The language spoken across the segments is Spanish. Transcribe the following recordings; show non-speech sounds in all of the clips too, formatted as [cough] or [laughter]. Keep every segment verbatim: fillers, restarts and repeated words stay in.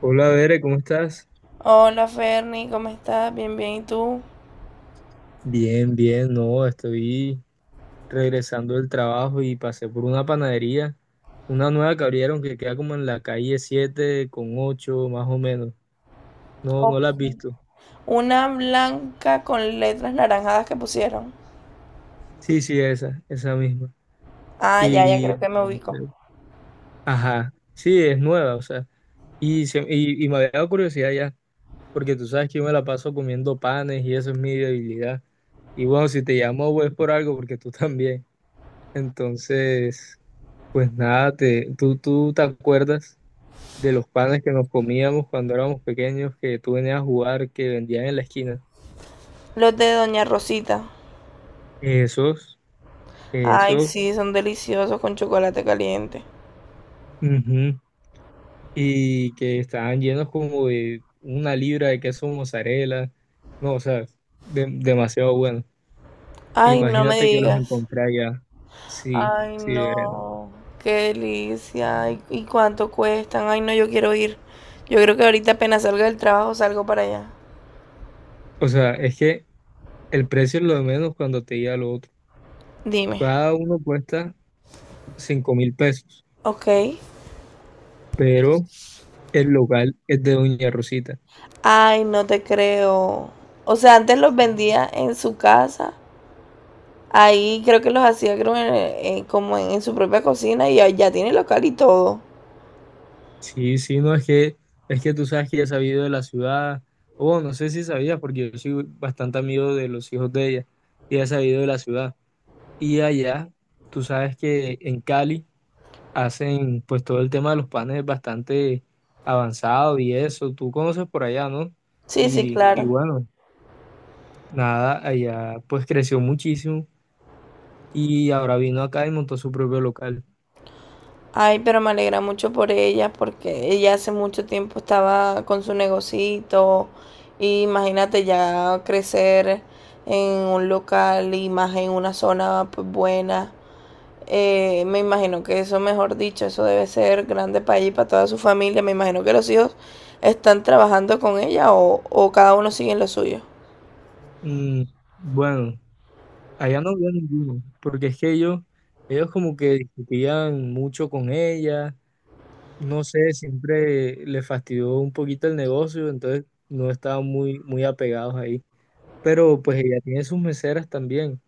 Hola, Bere, ¿cómo estás? Hola Ferny, ¿cómo estás? Bien, bien, ¿y tú? Bien, bien, no, estoy regresando del trabajo y pasé por una panadería, una nueva que abrieron que queda como en la calle siete con ocho más o menos. No, no la Ok. has visto. Una blanca con letras naranjadas que pusieron. Sí, sí, esa, esa misma. Ah, ya, ya Y creo que me ubico. entonces, ajá, sí, es nueva, o sea, y, se- y, y me había dado curiosidad ya, porque tú sabes que yo me la paso comiendo panes y eso es mi debilidad. Y bueno, si te llamo, pues por algo, porque tú [laughs] también. Entonces... Pues nada, te, ¿tú, tú te acuerdas de los panes que nos comíamos cuando éramos pequeños, que tú venías a jugar, que vendían en la esquina? Los de Doña Rosita. Esos, Ay, esos, sí, son deliciosos con chocolate caliente. ujú. Y que estaban llenos como de una libra de queso mozzarella. No, o sea, de- demasiado bueno. Ay, no me Imagínate que los digas. encontré allá. Sí, Ay, sí, Verena. no. Qué delicia. Ay, ¿y cuánto cuestan? Ay, no, yo quiero ir. Yo creo que ahorita apenas salga del trabajo salgo para allá. O sea, es que el precio es lo de menos cuando te llega lo otro. Dime. Cada uno cuesta cinco mil pesos, Ok. pero... El local es de Doña Rosita. Ay, no te creo. O sea, antes los vendía en su casa. Ahí creo que los hacía creo, en- en- como en, en su propia cocina y ya, ya tiene local y todo. Sí, sí, no es que, es que tú sabes que ya he sabido de la ciudad, o bueno, no sé si sabías, porque yo soy bastante amigo de los hijos de ella, y ya he sabido de la ciudad. Y allá, tú sabes que en Cali hacen pues todo el tema de los panes bastante avanzado y eso, tú conoces por allá, ¿no? Sí, sí, Y, y claro. bueno, nada, allá pues creció muchísimo y ahora vino acá y montó su propio local. Ay, pero me alegra mucho por ella porque ella hace mucho tiempo estaba con su negocito y imagínate ya crecer en un local y más en una zona pues, buena. Eh, me imagino que eso, mejor dicho, eso debe ser grande para ella y para toda su familia. Me imagino que los hijos están trabajando con ella o, o cada uno sigue en lo suyo. Mm, bueno. Allá no había ninguno, porque es que ellos, ellos como que discutían mucho con ella, no sé, siempre le fastidió un poquito el negocio, entonces no estaban muy, muy apegados ahí. Pero pues ella tiene sus meseras también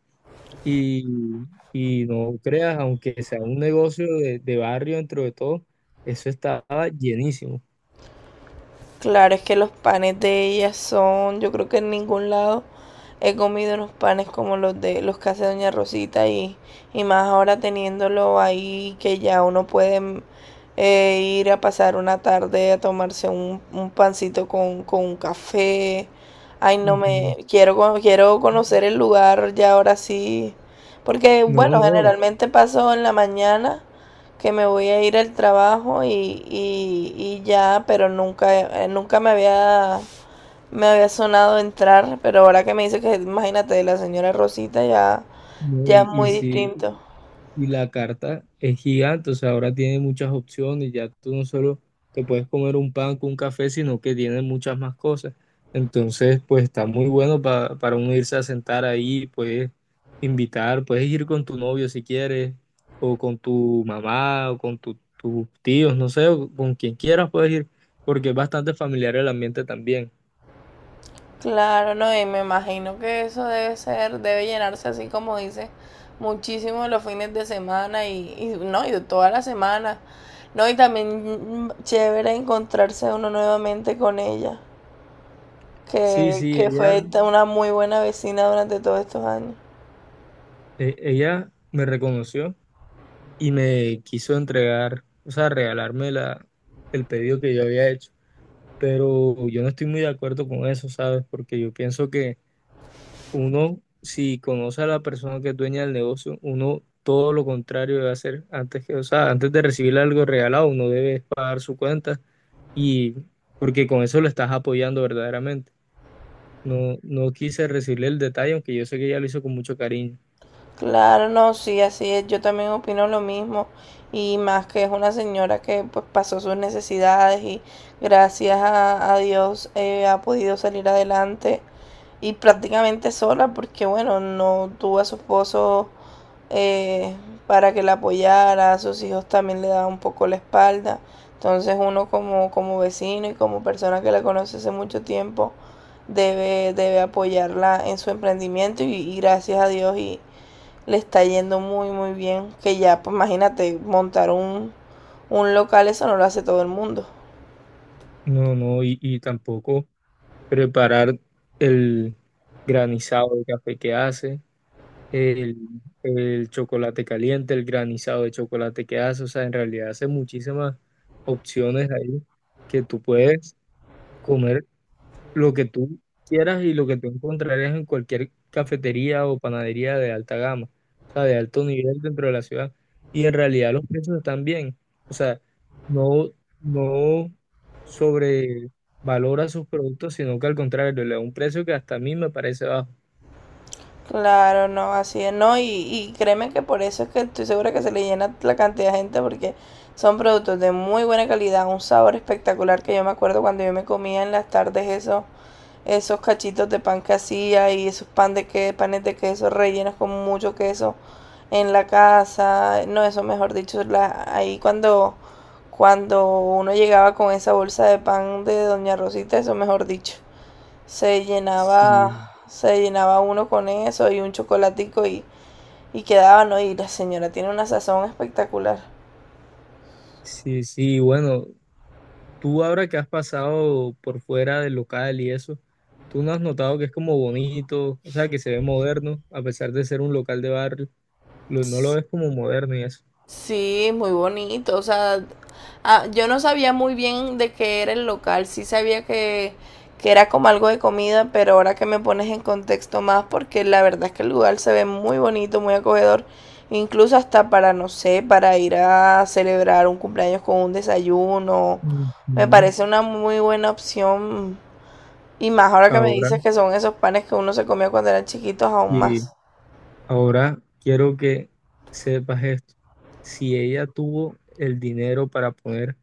y, y no creas, aunque sea un negocio de, de barrio dentro de todo, eso estaba llenísimo. Claro, es que los panes de ella son, yo creo que en ningún lado he comido unos panes como los de los que hace Doña Rosita y, y más ahora teniéndolo ahí que ya uno puede mm, eh, ir a pasar una tarde a tomarse un, un pancito con, con un café. Ay, no me Ujú. quiero cono- quiero conocer el lugar ya ahora sí, porque No, bueno, no, generalmente paso en la mañana que me voy a ir al trabajo y, y, y ya, pero nunca, eh, nunca me había, me había sonado entrar, pero ahora que me dice que, imagínate, la señora Rosita ya, no, ya es y, y muy sí. distinto. Y la carta es gigante, o sea, ahora tiene muchas opciones, ya tú no solo te puedes comer un pan con un café, sino que tiene muchas más cosas. Entonces, pues está muy bueno pa- para uno irse a sentar ahí, puedes invitar, puedes ir con tu novio si quieres, o con tu mamá, o con tu- tus tíos, no sé, o con quien quieras puedes ir, porque es bastante familiar el ambiente también. Claro, no, y me imagino que eso debe ser, debe llenarse así como dice, muchísimo los fines de semana y, y no, y toda la semana. No, y también mm, chévere encontrarse uno nuevamente con ella, Sí, que, sí, que ella, fue una muy buena vecina durante todos estos años. e- ella me reconoció y me quiso entregar, o sea, regalarme la, el pedido que yo había hecho. Pero yo no estoy muy de acuerdo con eso, ¿sabes? Porque yo pienso que uno, si conoce a la persona que es dueña del negocio, uno todo lo contrario debe hacer antes que, o sea, antes de recibir algo regalado, uno debe pagar su cuenta y porque con eso lo estás apoyando verdaderamente. No, no quise recibirle el detalle, aunque yo sé que ella lo hizo con mucho cariño. Claro, no, sí, así es. Yo también opino lo mismo. Y más que es una señora que pues pasó sus necesidades y gracias a, a Dios eh, ha podido salir adelante y prácticamente sola porque bueno, no tuvo a su esposo eh, para que la apoyara, a sus hijos también le daba un poco la espalda. Entonces uno como, como vecino y como persona que la conoce hace mucho tiempo debe, debe apoyarla en su emprendimiento y, y gracias a Dios y le está yendo muy, muy bien. Que ya, pues imagínate, montar un, un local, eso no lo hace todo el mundo. No, no, y, y tampoco preparar el granizado de café que hace, el, el chocolate caliente, el granizado de chocolate que hace. O sea, en realidad hace muchísimas opciones ahí que tú puedes comer lo que tú quieras y lo que tú encontrarías en cualquier cafetería o panadería de alta gama, o sea, de alto nivel dentro de la ciudad. Y en realidad los precios están bien. O sea, no, no sobre valora sus productos, sino que al contrario, le da un precio que hasta a mí me parece bajo. Claro, no, así es, no, y, y créeme que por eso es que estoy segura que se le llena la cantidad de gente porque son productos de muy buena calidad, un sabor espectacular que yo me acuerdo cuando yo me comía en las tardes eso, esos cachitos de pan que hacía y esos pan de que, panes de queso rellenos con mucho queso en la casa. No, eso mejor dicho, la, ahí cuando, cuando uno llegaba con esa bolsa de pan de Doña Rosita, eso mejor dicho, se Sí, llenaba, se llenaba uno con eso y un chocolatico y, y quedaba, ¿no? Y la señora tiene una sazón espectacular. sí, sí, bueno, tú ahora que has pasado por fuera del local y eso, tú no has notado que es como bonito, o sea, que se ve moderno, a pesar de ser un local de barrio, lo- no lo ves como moderno y eso. Sí, muy bonito. O sea, ah, yo no sabía muy bien de qué era el local. Sí sabía que, que era como algo de comida, pero ahora que me pones en contexto más, porque la verdad es que el lugar se ve muy bonito, muy acogedor. Incluso hasta para, no sé, para ir a celebrar un cumpleaños con un desayuno. Me Ujú. parece una muy buena opción. Y más ahora que me Ahora, dices que son esos panes que uno se comía cuando eran chiquitos, aún y más. ahora quiero que sepas esto. Si ella tuvo el dinero para poner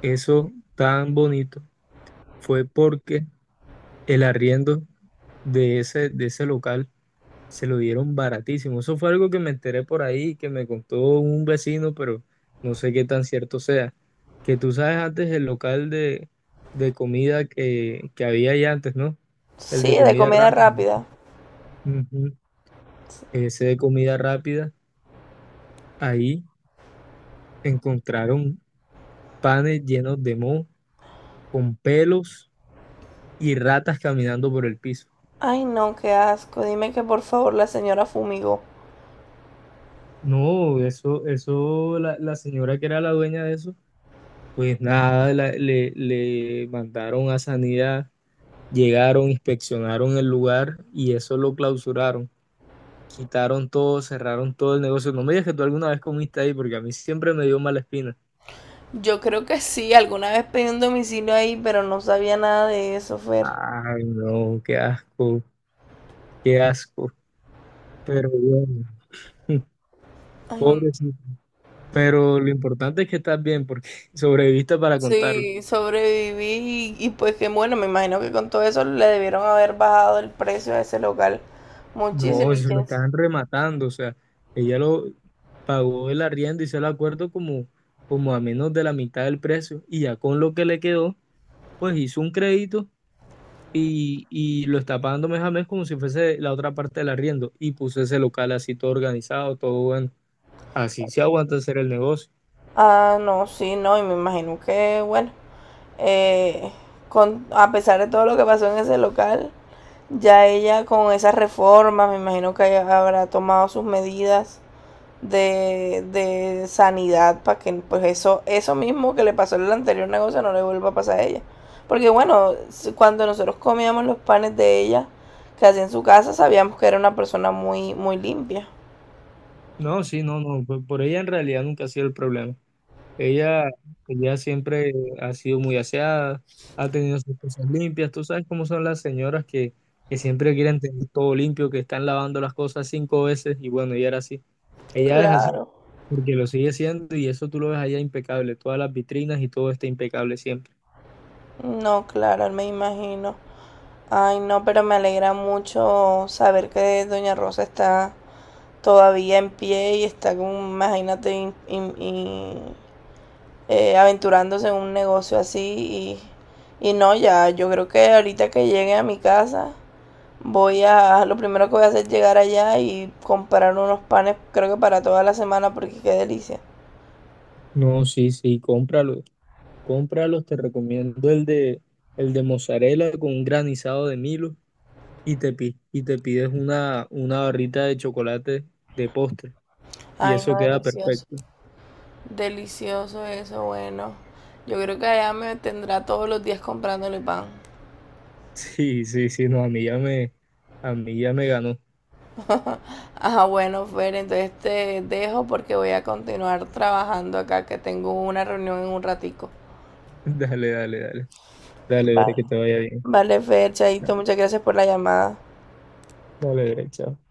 eso tan bonito, fue porque el arriendo de ese, de ese local se lo dieron baratísimo. Eso fue algo que me enteré por ahí, que me contó un vecino, pero no sé qué tan cierto sea. Que tú sabes antes el local de, de comida que, que había ahí antes, ¿no? El de Sí, de comida comida rápida. rápida. Ujú. Ese de comida rápida, ahí encontraron panes llenos de moho, con pelos y ratas caminando por el piso. Ay, no, qué asco. Dime que por favor la señora fumigó. No, eso, eso, la, la señora que era la dueña de eso, pues nada, la- le, le mandaron a Sanidad, llegaron, inspeccionaron el lugar y eso lo clausuraron. Quitaron todo, cerraron todo el negocio. No me digas que tú alguna vez comiste ahí porque a mí siempre me dio mala espina. Yo creo que sí, alguna vez pedí un domicilio ahí, pero no sabía nada de eso, Fer. Ay, no, qué asco, qué asco. Pero bueno, [laughs] Ay, pobrecito. Pero lo importante es que estás bien porque [laughs] sobreviviste para contarlo. sí, sobreviví y, y pues que bueno, me imagino que con todo eso le debieron haber bajado el precio a ese local No, muchísimo y eso lo quién sa- estaban rematando, o sea, ella lo, pagó el arriendo, hizo el acuerdo como, como a menos de la mitad del precio y ya con lo que le quedó, pues hizo un crédito y, y lo está pagando mes a mes como si fuese la otra parte del arriendo y puso ese local así todo organizado, todo bueno. Así se aguanta hacer el negocio. Ah, no, sí, no, y me imagino que bueno, eh, con, a pesar de todo lo que pasó en ese local, ya ella con esas reformas, me imagino que haya- habrá tomado sus medidas de, de sanidad para que pues eso, eso mismo que le pasó en el anterior negocio no le vuelva a pasar a ella. Porque bueno, cuando nosotros comíamos los panes de ella, que hacía en su casa, sabíamos que era una persona muy, muy limpia. No, sí, no, no, por por ella en realidad nunca ha sido el problema. Ella, ella siempre ha sido muy aseada, ha tenido sus cosas limpias. Tú sabes cómo son las señoras que, que siempre quieren tener todo limpio, que están lavando las cosas cinco veces y bueno, ella era así. Ella es así Claro. porque lo sigue siendo y eso tú lo ves allá impecable. Todas las vitrinas y todo está impecable siempre. No, claro, me imagino. Ay, no, pero me alegra mucho saber que Doña Rosa está todavía en pie y está como, imagínate, in- in- in- eh, aventurándose en un negocio así y, y no, ya yo creo que ahorita que llegue a mi casa voy a, lo primero que voy a hacer es llegar allá y comprar unos panes creo que para toda la semana porque qué delicia. No, sí, sí, cómpralo. Cómpralos, te recomiendo el de, el de, mozzarella con un granizado de Milo y te, pi- y te pides una, una barrita de chocolate de postre y Ay, eso no, queda delicioso. perfecto. Delicioso eso, bueno. Yo creo que allá me tendrá todos los días comprándole pan. Sí, sí, sí, no, a mí ya me, a mí ya me ganó. [laughs] Ajá, bueno, Fer, entonces te dejo porque voy a continuar trabajando acá, que tengo una reunión en un ratico. Dale, dale, dale. Dale, dale, Vale. que te vaya bien. Vale, Fer, Chaito, muchas gracias por la llamada. Dale, dale, chao.